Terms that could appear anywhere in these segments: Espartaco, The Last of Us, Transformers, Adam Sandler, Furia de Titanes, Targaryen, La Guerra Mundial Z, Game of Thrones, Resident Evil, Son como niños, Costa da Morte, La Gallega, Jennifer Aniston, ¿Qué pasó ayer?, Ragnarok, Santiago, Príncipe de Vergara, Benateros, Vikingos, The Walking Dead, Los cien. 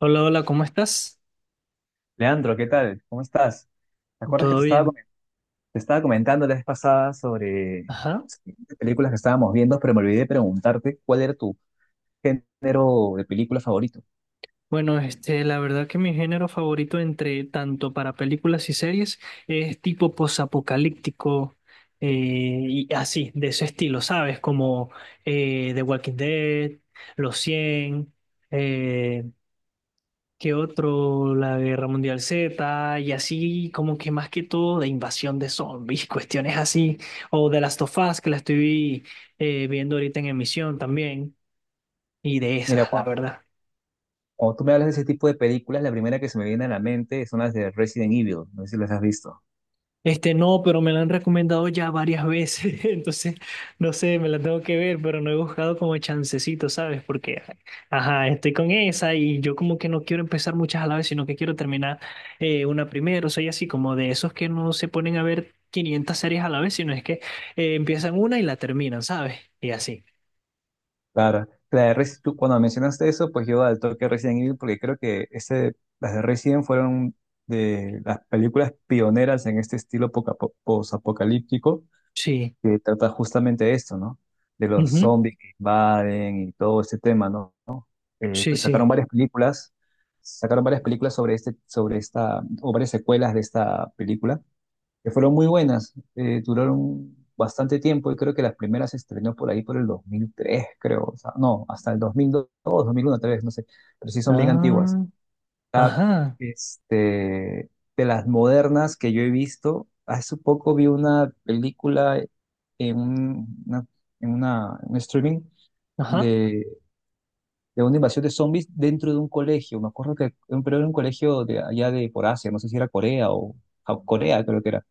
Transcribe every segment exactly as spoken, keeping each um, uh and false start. Hola, hola, ¿cómo estás? Leandro, ¿qué tal? ¿Cómo estás? ¿Te acuerdas que ¿Todo te estaba, bien? comen- te estaba comentando la vez pasada sobre Ajá. sobre películas que estábamos viendo? Pero me olvidé de preguntarte, ¿cuál era tu género de película favorito? Bueno, este, la verdad que mi género favorito entre tanto para películas y series es tipo posapocalíptico eh, y así, de ese estilo, ¿sabes? Como eh, The Walking Dead, Los cien eh, ¿qué otro? La Guerra Mundial Z y así como que más que todo de invasión de zombies, cuestiones así, o The Last of Us que la estoy eh, viendo ahorita en emisión también. Y de Mira, esas, la cuando, verdad. cuando tú me hablas de ese tipo de películas, la primera que se me viene a la mente son las de Resident Evil. No sé si las has visto. Este no, pero me la han recomendado ya varias veces, entonces no sé, me la tengo que ver, pero no he buscado como chancecito, ¿sabes? Porque, ajá, estoy con esa y yo como que no quiero empezar muchas a la vez, sino que quiero terminar eh, una primero. Soy así como de esos que no se ponen a ver quinientas series a la vez, sino es que eh, empiezan una y la terminan, ¿sabes? Y así. Claro, la de Resi- tú, cuando mencionaste eso, pues yo al toque Resident Evil, porque creo que ese, las de Resident fueron de las películas pioneras en este estilo poca- po- posapocalíptico. Sí. Que trata justamente esto, ¿no? De los Ujú. zombies que invaden y todo este tema, ¿no? Eh, Sí, pues sacaron sí. varias películas, sacaron varias películas sobre este, sobre esta, o varias secuelas de esta película, que fueron muy buenas. Eh, duraron bastante tiempo y creo que las primeras se estrenó por ahí por el dos mil tres, creo. O sea, no, hasta el dos mil dos, dos mil uno, tal vez, no sé, pero sí son bien antiguas. Ah, Ah, ajá, este, de las modernas que yo he visto, hace poco vi una película en, un- una, en una, en un streaming ajá. de, de una invasión de zombies dentro de un colegio. Me acuerdo que pero era un colegio de allá de por Asia. No sé si era Corea o ja- Corea, creo que era.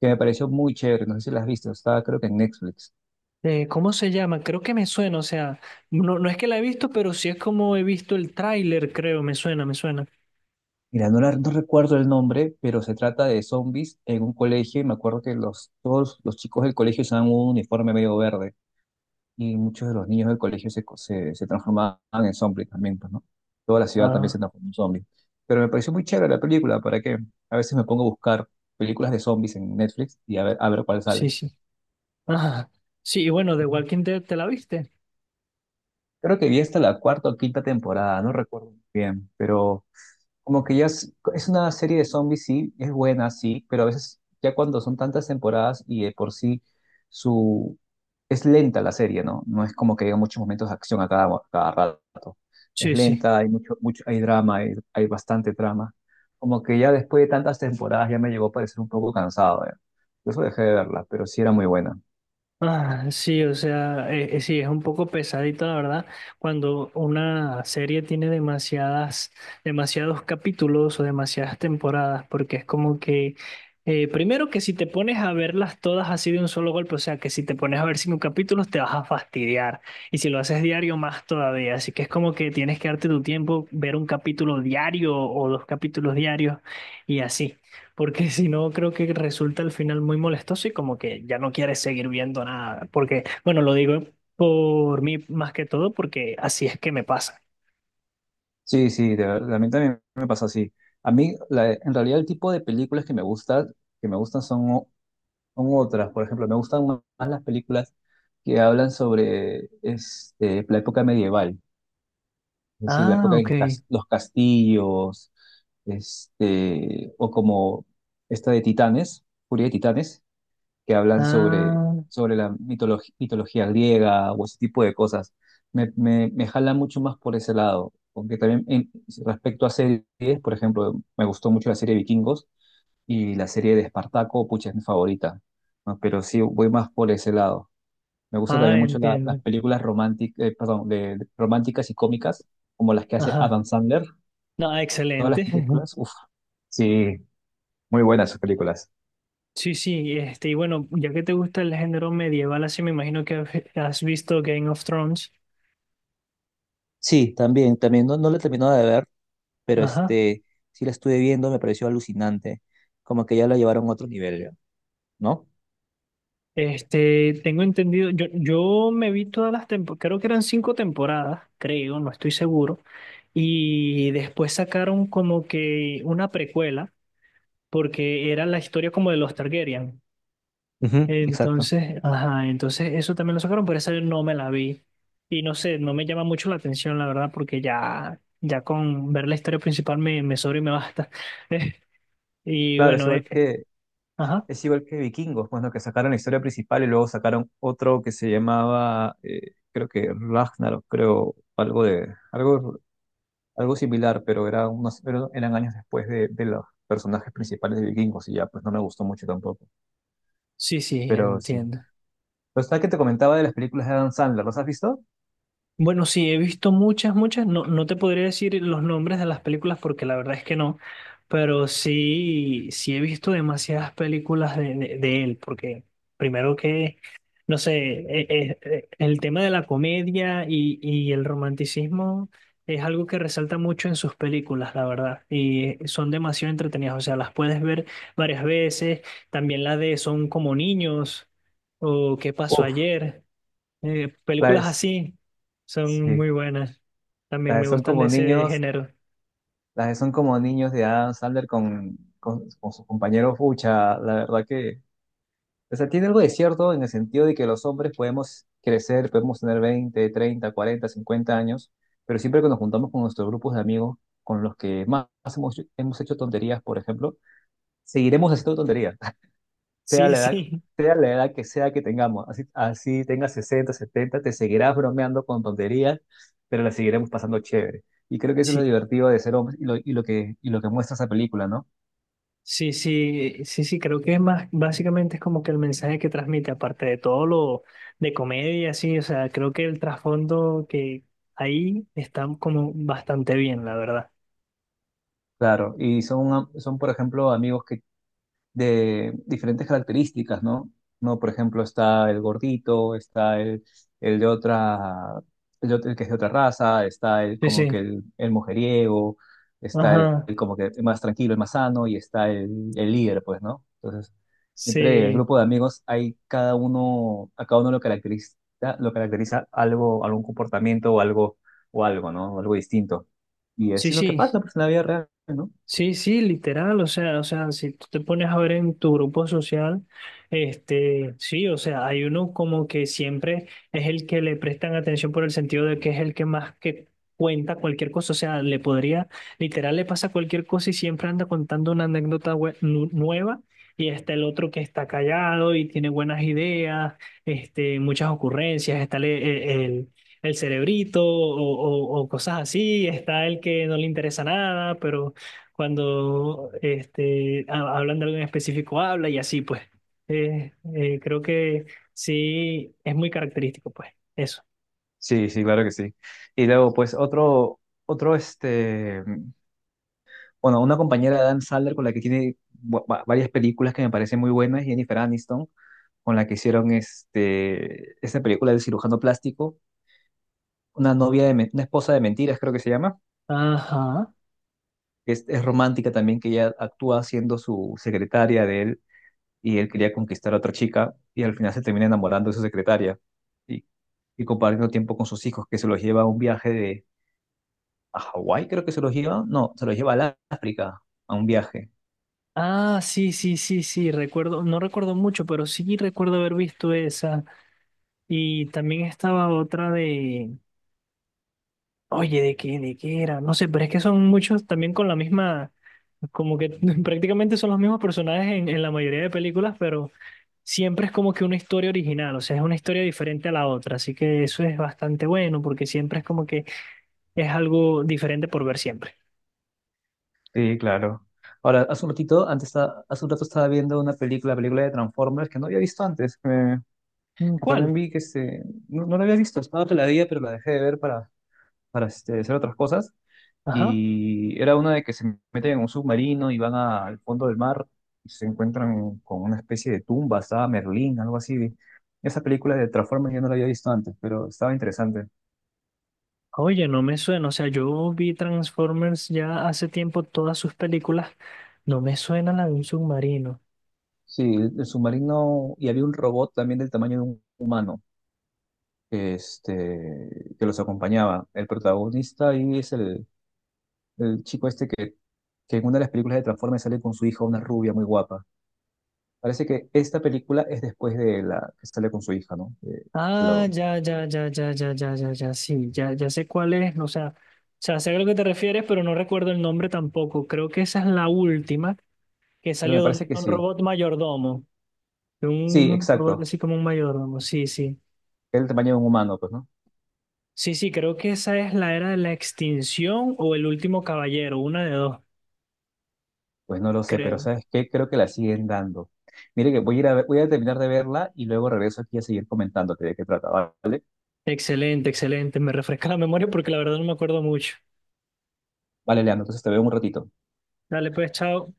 Que me pareció muy chévere. No sé si la has visto, estaba creo que en Netflix. Eh, ¿cómo se llama? Creo que me suena, o sea, no, no es que la he visto, pero sí es como he visto el tráiler, creo, me suena, me suena. Mira, no, la- no recuerdo el nombre, pero se trata de zombies en un colegio y me acuerdo que los, todos los chicos del colegio usaban un uniforme medio verde, y muchos de los niños del colegio se, co- se, se transformaban en zombies también, pues, ¿no? Toda la ciudad también se Ah, transformó en zombies. Pero me pareció muy chévere la película, ¿para qué? A veces me pongo a buscar películas de zombies en Netflix, y a ver, a ver cuál sí, sale. sí. Ajá. Sí, y bueno, The Walking Dead, ¿te la viste? Creo que vi hasta la cuarta o quinta temporada, no recuerdo muy bien, pero como que ya es, es una serie de zombies, sí, es buena, sí, pero a veces ya cuando son tantas temporadas y de por sí su es lenta la serie, ¿no? No es como que haya muchos momentos de acción a cada, a cada rato. Es Sí, sí. lenta, hay mucho, mucho, hay drama, hay, hay bastante drama. Como que ya después de tantas temporadas ya me llegó a parecer un poco cansado, ¿eh? Por eso dejé de verla, pero sí era muy buena. Ah, sí, o sea, eh, eh, sí, es un poco pesadito, la verdad, cuando una serie tiene demasiadas, demasiados capítulos o demasiadas temporadas, porque es como que, eh, primero que si te pones a verlas todas así de un solo golpe, o sea, que si te pones a ver cinco capítulos te vas a fastidiar, y si lo haces diario más todavía, así que es como que tienes que darte tu tiempo, ver un capítulo diario o dos capítulos diarios y así. Porque si no, creo que resulta al final muy molestoso y como que ya no quieres seguir viendo nada. Porque, bueno, lo digo por mí más que todo porque así es que me pasa. Sí, sí, de verdad, a mí también me pasa así. A mí, la- en realidad, el tipo de películas que me gusta, que me gustan, son son otras. Por ejemplo, me gustan más más las películas que hablan sobre este, la época medieval, es decir, la Ah, época ok. de cas- los castillos, este, o como esta de Titanes, Furia de Titanes, que hablan sobre, Ah, sobre la mitologi- mitología griega o ese tipo de cosas. Me, me, me jala mucho más por ese lado. Aunque también, en- respecto a series, por ejemplo, me gustó mucho la serie Vikingos y la serie de Espartaco. Pucha, es mi favorita, ¿no? Pero sí, voy más por ese lado. Me gusta ah, también mucho la- las entiendo. películas románticas, perdón, de, de- románticas y cómicas, como las que hace Ajá. Adam Sandler. No, Todas las excelente. películas, uff. Sí, muy buenas sus películas. Sí, sí, este, y bueno, ya que te gusta el género medieval, así me imagino que has has visto Game of Thrones. Sí, también, también, no, no la he terminado de ver, pero Ajá. este, sí la estuve viendo. Me pareció alucinante, como que ya la llevaron a otro nivel, ya, ¿no? Este, tengo entendido, yo, yo me vi todas las temporadas, creo que eran cinco temporadas, creo, no estoy seguro, y después sacaron como que una precuela, porque era la historia como de los Targaryen. Ujú, exacto. Entonces, ajá, entonces eso también lo sacaron, pero esa yo no me la vi. Y no sé, no me llama mucho la atención, la verdad, porque ya, ya con ver la historia principal me, me sobra y me basta. Y Claro, es bueno, eh, igual que ajá, Es igual que Vikingos. Bueno, que sacaron la historia principal y luego sacaron otro que se llamaba, eh, creo que Ragnarok, creo, algo de, algo, algo similar, pero era unos, pero eran años después de, de los personajes principales de Vikingos, y ya, pues no me gustó mucho tampoco. sí, sí, Pero sí. entiendo. Lo que te comentaba de las películas de Adam Sandler, ¿los has visto? Bueno, sí, he visto muchas, muchas. No, no te podría decir los nombres de las películas porque la verdad es que no, pero sí, sí he visto demasiadas películas de, de, de él, porque primero que, no sé, eh, eh, eh, el tema de la comedia y, y el romanticismo es algo que resalta mucho en sus películas, la verdad, y son demasiado entretenidas, o sea, las puedes ver varias veces, también la de Son como niños o ¿Qué pasó Uf, ayer? Eh, la películas es, así son sí, muy buenas. También la de me son gustan de como ese niños, género. las de Son Como Niños de Adam Sandler con, con, con sus compañeros, pucha, la verdad que o sea, tiene algo de cierto en el sentido de que los hombres podemos crecer, podemos tener veinte treinta cuarenta cincuenta años, pero siempre que nos juntamos con nuestros grupos de amigos, con los que más hemos, hemos hecho tonterías, por ejemplo, seguiremos haciendo tonterías, sea Sí, la edad, sí, sea la edad que sea que tengamos. Así, así tengas sesenta, setenta, te seguirás bromeando con tonterías, pero la seguiremos pasando chévere. Y creo que eso es lo sí, divertido de ser hombres y lo, y lo que, y lo que muestra esa película, ¿no? sí, sí, sí, sí, creo que es más, básicamente es como que el mensaje que transmite, aparte de todo lo de comedia, sí, o sea, creo que el trasfondo que ahí está como bastante bien, la verdad. Claro, y son, son, por ejemplo, amigos que de diferentes características, ¿no? No, por ejemplo, está el gordito, está el, el de otra, el, de otra- el que es de otra raza, está el Sí, como que sí, el, el mujeriego, está el, ajá, el como que el más tranquilo, el más sano, y está el, el líder, pues, ¿no? Entonces, siempre en el sí, grupo de amigos hay cada uno, a cada uno lo caracteriza, lo caracteriza, algo, algún comportamiento o algo, o algo, ¿no? Algo distinto. Y sí, así es lo que sí, pasa, pues, en la vida real, ¿no? sí, sí, literal, o sea, o sea, si tú te pones a ver en tu grupo social, este, sí, o sea, hay uno como que siempre es el que le prestan atención por el sentido de que es el que más que cuenta cualquier cosa, o sea, le podría, literal, le pasa cualquier cosa y siempre anda contando una anécdota bue- nu- nueva y está el otro que está callado y tiene buenas ideas, este, muchas ocurrencias, está el, el el- el cerebrito o, o, o cosas así, está el que no le interesa nada, pero cuando este, ha- hablan de algo en específico, habla y así, pues. Eh, eh, creo que sí, es muy característico, pues, eso. Sí, sí, claro que sí. Y luego, pues, otro, otro, este, bueno, una compañera de Adam Sandler con la que tiene bu- va- varias películas que me parecen muy buenas, Jennifer Aniston, con la que hicieron este, esta película del cirujano plástico, una novia de, men- Una Esposa de Mentiras, creo que se llama, Ajá. que es, es romántica también, que ella actúa siendo su secretaria de él, y él quería conquistar a otra chica, y al final se termina enamorando de su secretaria, y, y compartiendo tiempo con sus hijos, que se los lleva a un viaje a Hawái, creo que se los lleva. No, se los lleva al África a un viaje. Ah, sí, sí, sí, sí, recuerdo, no recuerdo mucho, pero sí recuerdo haber visto esa. Y también estaba otra de, oye, ¿de qué, ¿de qué era? No sé, pero es que son muchos también con la misma, como que prácticamente son los mismos personajes en, en la mayoría de películas, pero siempre es como que una historia original, o sea, es una historia diferente a la otra, así que eso es bastante bueno porque siempre es como que es algo diferente por ver siempre. Sí, claro. Ahora, hace un ratito, antes, esta- hace un rato estaba viendo una película, película de Transformers que no había visto antes, que, Mm, que también ¿cuál? vi, que este, no, no la había visto, estaba otra la día, pero la dejé de ver para, para este, hacer otras cosas. Ajá. Y era una de que se meten en un submarino y van a- al fondo del mar, y se encuentran con una especie de tumba, estaba Merlín, algo así. Esa película de Transformers yo no la había visto antes, pero estaba interesante. Oye, no me suena, o sea, yo vi Transformers ya hace tiempo todas sus películas, no me suena la de un submarino. Sí, el, el submarino, y había un robot también del tamaño de un humano este, que los acompañaba. El protagonista ahí es el, el chico este que, que en una de las películas de Transformers sale con su hija, una rubia muy guapa. Parece que esta película es después de la que sale con su hija, ¿no? Eh, Ah, lo- ya, ya, ya, ya, ya, ya, ya, ya, sí, ya, ya sé cuál es, o sea, o sea, sé a lo que te refieres, pero no recuerdo el nombre tampoco. Creo que esa es la última que pero salió me donde parece que está un sí. robot mayordomo, Sí, un robot exacto. así como un mayordomo, sí, sí. Es el tamaño de un humano, pues, ¿no? Sí, sí, creo que esa es la era de la extinción o el último caballero, una de dos, Pues no lo sé, pero creo. ¿sabes qué? Creo que la siguen dando. Mire que voy a ir a ver- voy a terminar de verla y luego regreso aquí a seguir comentándote de qué trata, ¿vale? Excelente, excelente, me refresca la memoria porque la verdad no me acuerdo mucho. Vale, Leandro, entonces te veo en un ratito. Dale, pues, chao.